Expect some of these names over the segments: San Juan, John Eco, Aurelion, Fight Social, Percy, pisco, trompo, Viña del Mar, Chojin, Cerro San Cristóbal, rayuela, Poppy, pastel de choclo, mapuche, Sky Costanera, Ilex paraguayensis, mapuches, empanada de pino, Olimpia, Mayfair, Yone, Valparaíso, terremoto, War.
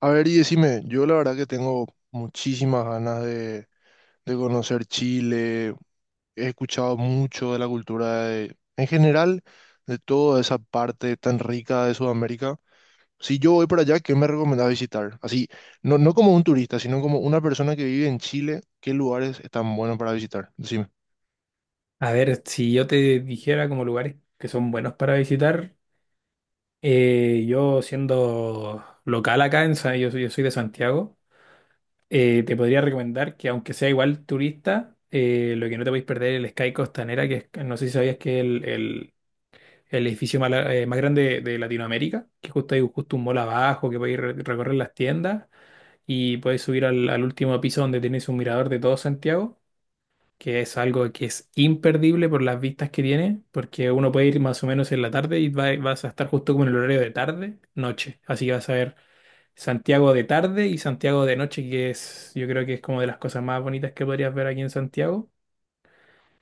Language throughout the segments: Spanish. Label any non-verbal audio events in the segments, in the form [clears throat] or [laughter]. A ver, y decime, yo la verdad que tengo muchísimas ganas de conocer Chile, he escuchado mucho de la cultura en general, de toda esa parte tan rica de Sudamérica. Si yo voy para allá, ¿qué me recomendás visitar? Así, no como un turista, sino como una persona que vive en Chile, ¿qué lugares están buenos para visitar? Decime. A ver, si yo te dijera como lugares que son buenos para visitar, yo siendo local acá, en, Sa- yo soy de Santiago. Te podría recomendar que aunque sea igual turista, lo que no te podéis perder es el Sky Costanera, no sé si sabías que es el el- edificio más grande de Latinoamérica, que justo hay justo un mall abajo, que podéis recorrer las tiendas y podéis subir al último piso donde tenéis un mirador de todo Santiago, que es algo que es imperdible por las vistas que tiene, porque uno puede ir más o menos en la tarde y vas a estar justo como en el horario de tarde, noche. Así que vas a ver Santiago de tarde y Santiago de noche, que es, yo creo que es como de las cosas más bonitas que podrías ver aquí en Santiago.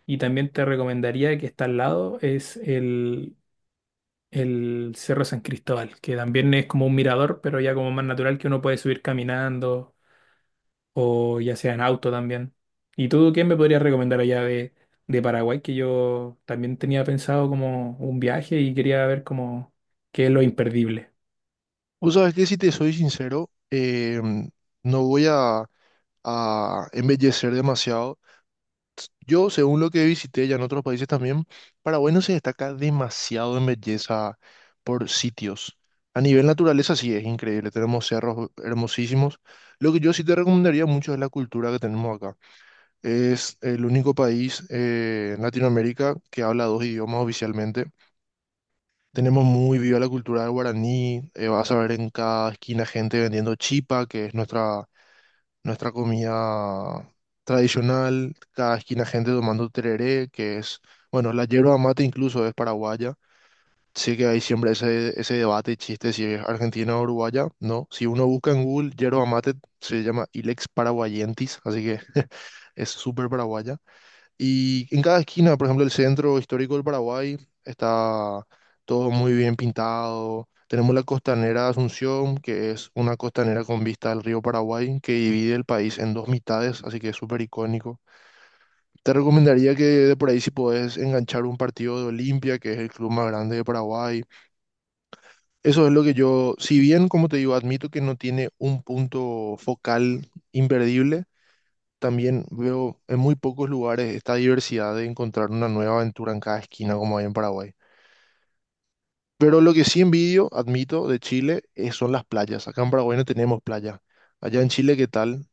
Y también te recomendaría que está al lado, es el Cerro San Cristóbal, que también es como un mirador, pero ya como más natural, que uno puede subir caminando o ya sea en auto también. ¿Y tú qué me podrías recomendar allá de Paraguay? Que yo también tenía pensado como un viaje y quería ver como qué es lo imperdible. Vos sabés que si te soy sincero, no voy a embellecer demasiado. Yo, según lo que visité ya en otros países también, Paraguay no se destaca demasiado en belleza por sitios. A nivel naturaleza sí es increíble, tenemos cerros hermosísimos. Lo que yo sí te recomendaría mucho es la cultura que tenemos acá. Es el único país en Latinoamérica que habla dos idiomas oficialmente. Tenemos muy viva la cultura del guaraní, vas a ver en cada esquina gente vendiendo chipa, que es nuestra comida tradicional, cada esquina gente tomando tereré, que es, bueno, la yerba mate incluso es paraguaya. Sí que hay siempre ese debate y chiste si es argentina o uruguaya, no. Si uno busca en Google yerba mate, se llama Ilex paraguayentis, así que [laughs] es súper paraguaya. Y en cada esquina, por ejemplo, el centro histórico del Paraguay está todo muy bien pintado. Tenemos la costanera de Asunción, que es una costanera con vista al río Paraguay, que divide el país en dos mitades, así que es súper icónico. Te recomendaría que de por ahí si podés enganchar un partido de Olimpia, que es el club más grande de Paraguay. Eso es lo que yo, si bien, como te digo, admito que no tiene un punto focal imperdible, también veo en muy pocos lugares esta diversidad de encontrar una nueva aventura en cada esquina como hay en Paraguay. Pero lo que sí envidio, admito, de Chile son las playas. Acá en Paraguay no tenemos playa. Allá en Chile, ¿qué tal?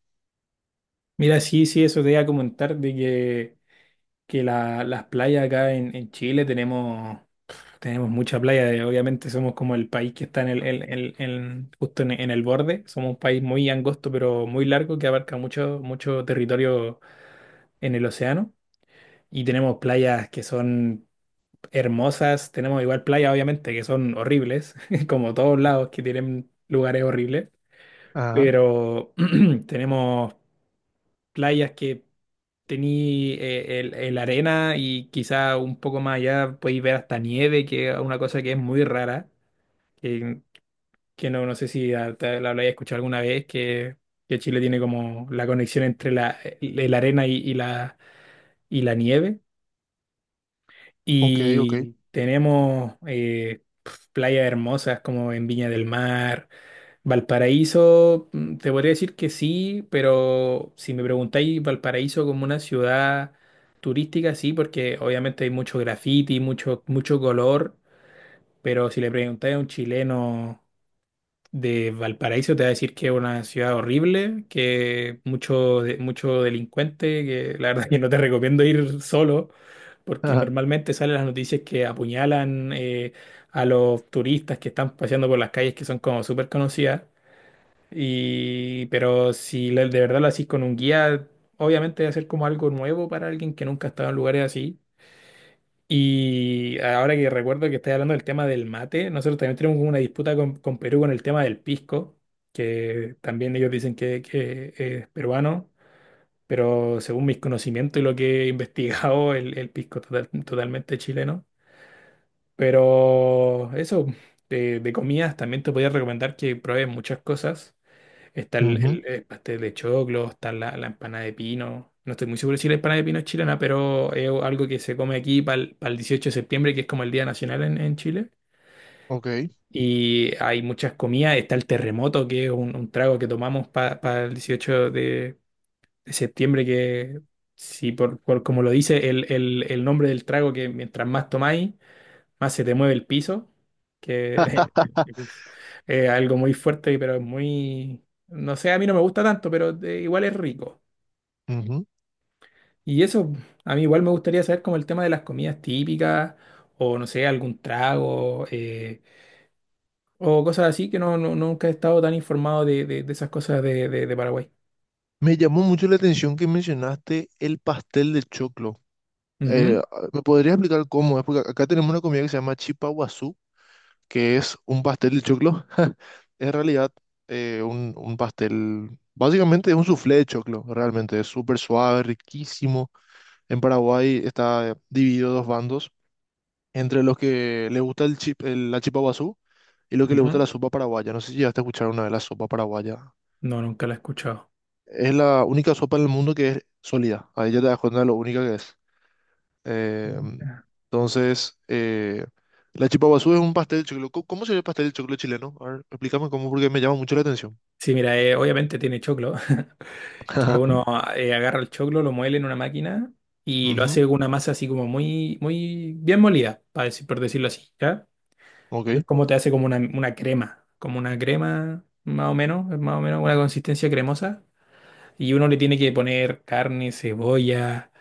Mira, sí, sí, eso te iba a comentar de que las playas acá en Chile tenemos, mucha playa. Obviamente somos como el país que está en el- en- justo en el borde. Somos un país muy angosto pero muy largo que abarca mucho, mucho territorio en el océano. Y tenemos playas que son hermosas. Tenemos igual playas, obviamente, que son horribles, [laughs] como todos lados que tienen lugares horribles, Ajá, pero [clears throat] tenemos playas que tení el arena, y quizá un poco más allá podéis ver hasta nieve, que es una cosa que es muy rara, que, que no sé si te la habéis escuchado alguna vez, que Chile tiene como la conexión entre el arena y la nieve. ok, ok. Y tenemos playas hermosas, como en Viña del Mar, Valparaíso. Te podría decir que sí, pero si me preguntáis Valparaíso como una ciudad turística, sí, porque obviamente hay mucho graffiti, mucho, mucho color, pero si le preguntáis a un chileno de Valparaíso te va a decir que es una ciudad horrible, que mucho, mucho delincuente, que la verdad [laughs] que no te recomiendo ir solo, porque Ajá. normalmente salen las noticias que apuñalan a los turistas que están paseando por las calles que son como súper conocidas. Pero si de verdad lo haces con un guía, obviamente va a ser como algo nuevo para alguien que nunca ha estado en lugares así. Y ahora que recuerdo que estáis hablando del tema del mate, nosotros también tenemos como una disputa con Perú con el tema del pisco, que también ellos dicen que es peruano, pero según mis conocimientos y lo que he [laughs] investigado, el pisco es totalmente chileno. Pero eso, de comidas también te podría recomendar que pruebes muchas cosas. Está el, el- Ujú, eh, este, el pastel de choclo, está la empanada de pino. No estoy muy seguro si la empanada de pino es chilena, pero es algo que se come aquí para el 18 de septiembre, que es como el Día Nacional en Chile. ok. Y hay muchas comidas. Está el terremoto, que es un trago que tomamos para el 18 de septiembre, que sí, por como lo dice el nombre del trago, que mientras más tomáis, más se te mueve el piso, que [laughs] es algo muy fuerte, pero es muy... No sé, a mí no me gusta tanto, pero igual es rico. Ujú. Y eso, a mí igual me gustaría saber como el tema de las comidas típicas, o no sé, algún trago, o cosas así, que nunca he estado tan informado de esas cosas de Paraguay. Me llamó mucho la atención que mencionaste el pastel de choclo. Eh, Ujú, ¿Me podrías explicar cómo es? Porque acá tenemos una comida que se llama chipa que es un pastel de choclo. [laughs] En realidad, un pastel, básicamente es un soufflé de choclo, realmente es súper suave, riquísimo. En Paraguay está dividido dos bandos, entre los que le gusta la chipa guazú y los que le gusta ujú. la sopa paraguaya. No sé si llegaste a escuchar una de la sopa paraguaya. No, nunca la he escuchado. Es la única sopa en el mundo que es sólida. Ahí ya te das cuenta de lo única que es. Eh, Ujú. entonces, la chipa guazú es un pastel de choclo. ¿Cómo sería el pastel de choclo chileno? A ver, explícame cómo, porque me llama mucho la atención. Sí, mira, obviamente tiene choclo, [laughs] que uno [laughs] agarra el choclo, lo muele en una máquina y lo Ujú, hace con una masa así como muy, muy bien molida, para decir, por decirlo así, ¿ya? Es ok, como te hace como una crema, como una crema más o menos una consistencia cremosa, y uno le tiene que poner carne, cebolla,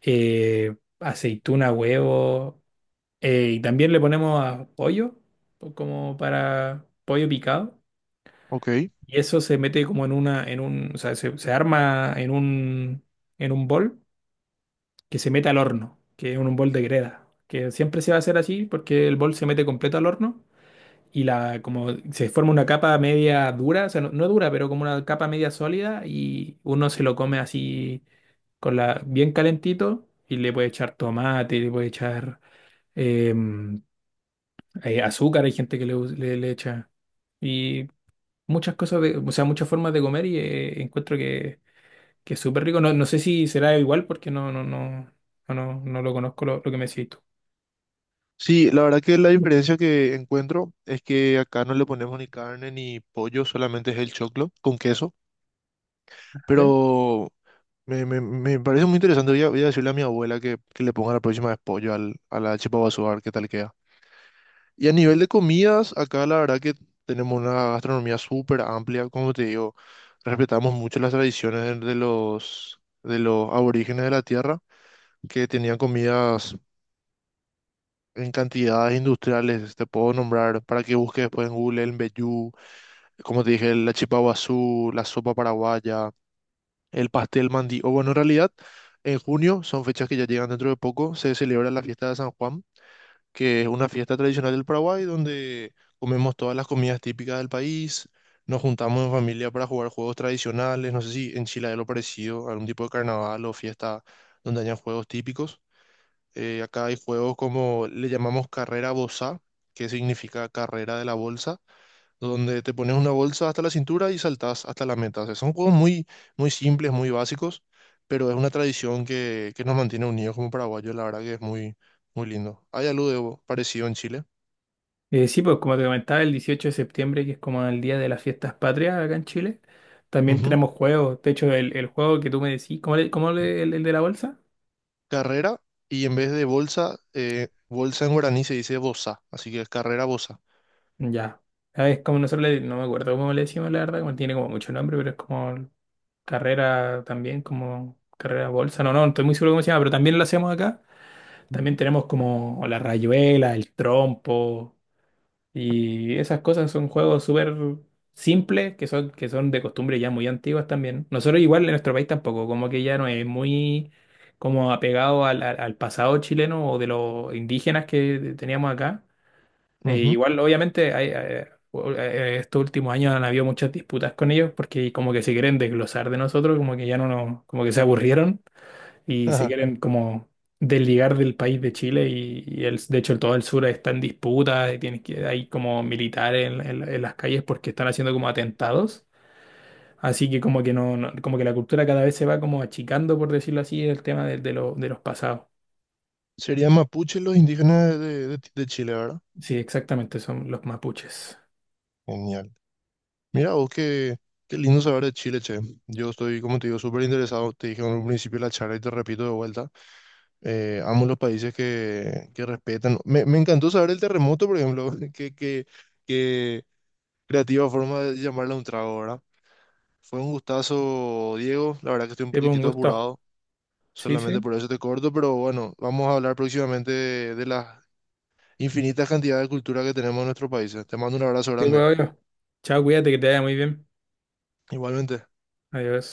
aceituna, huevo, y también le ponemos a pollo, como para pollo picado. ok. Y eso se mete como en una, en un, o sea, se arma en un bol, que se meta al horno, que es un bol de greda, que siempre se va a hacer así porque el bol se mete completo al horno y como se forma una capa media dura, o sea, no dura, pero como una capa media sólida, y uno se lo come así con la, bien calentito, y le puede echar tomate, le puede echar em, azúcar. Hay gente que le echa, y muchas cosas, de, o sea, muchas formas de comer. Y encuentro que es súper rico. No, no sé si será igual porque no, no, no. No, no, no lo conozco, lo que me decís tú. Sí, la verdad que la diferencia que encuentro es que acá no le ponemos ni carne ni pollo, solamente es el choclo con queso. ¿Vale? Pero me parece muy interesante. Voy a, voy a decirle a mi abuela que le ponga la próxima vez pollo al, a la chipa guazú, a ver qué tal queda. Y a nivel de comidas, acá la verdad que tenemos una gastronomía súper amplia, como te digo, respetamos mucho las tradiciones de los, de los aborígenes de la tierra, que tenían comidas en cantidades industriales, te puedo nombrar para que busques después en Google el mbejú, como te dije, la chipa guazú, la sopa paraguaya, el pastel mandí, o bueno, en realidad, en junio, son fechas que ya llegan dentro de poco, se celebra la fiesta de San Juan, que es una fiesta tradicional del Paraguay donde comemos todas las comidas típicas del país, nos juntamos en familia para jugar juegos tradicionales. No sé si en Chile hay lo parecido, algún tipo de carnaval o fiesta donde hayan juegos típicos. Acá hay juegos como le llamamos carrera bolsa, que significa carrera de la bolsa donde te pones una bolsa hasta la cintura y saltás hasta la meta. O sea, son juegos muy, muy simples, muy básicos, pero es una tradición que nos mantiene unidos como paraguayos, la verdad que es muy, muy lindo. Hay algo parecido en Chile. Sí, pues como te comentaba, el 18 de septiembre, que es como el día de las fiestas patrias acá en Chile, también Ujú. tenemos juegos. De hecho, el juego que tú me decís, ¿El de la bolsa? Carrera, y en vez de bolsa, bolsa en guaraní se dice bosa, así que es carrera bosa. Ya. Ah, es como nosotros le, no me acuerdo cómo le decimos, la verdad, como tiene como mucho nombre, pero es como carrera también, como carrera bolsa. No, estoy muy seguro cómo se llama, pero también lo hacemos acá. También Ujú. tenemos como la rayuela, el trompo. Y esas cosas son juegos súper simples, que son, de costumbre ya muy antiguas también. Nosotros igual en nuestro país tampoco, como que ya no es muy como apegado al pasado chileno o de los indígenas que teníamos acá. Ujú. Igual obviamente hay, estos últimos años han habido muchas disputas con ellos porque como que se quieren desglosar de nosotros, como que ya no nos, como que se aburrieron [laughs] y se Ajá. quieren como desligar del país de Chile, y de hecho todo el sur está en disputa, y tienes que, hay como militares en las calles porque están haciendo como atentados, así que como que como que la cultura cada vez se va como achicando, por decirlo así, el tema de los pasados. Serían mapuche los indígenas de, de Chile, ¿verdad? Sí, exactamente, son los mapuches. Genial. Mira, vos qué, qué lindo saber de Chile, che. Yo estoy, como te digo, súper interesado. Te dije en un principio de la charla y te repito de vuelta. Amo los países que respetan. Me encantó saber el terremoto, por ejemplo. [laughs] Qué, qué, qué creativa forma de llamarla un trago, ¿verdad? Fue un gustazo, Diego. La verdad que estoy un Te pongo un poquitito gusto. apurado. Sí, Solamente sí. por eso te corto, pero bueno, vamos a hablar próximamente de las infinitas cantidades de cultura que tenemos en nuestros países. Te mando un abrazo Te grande. puedo yo. Chao, cuídate, que te vaya muy bien. Igualmente. Adiós.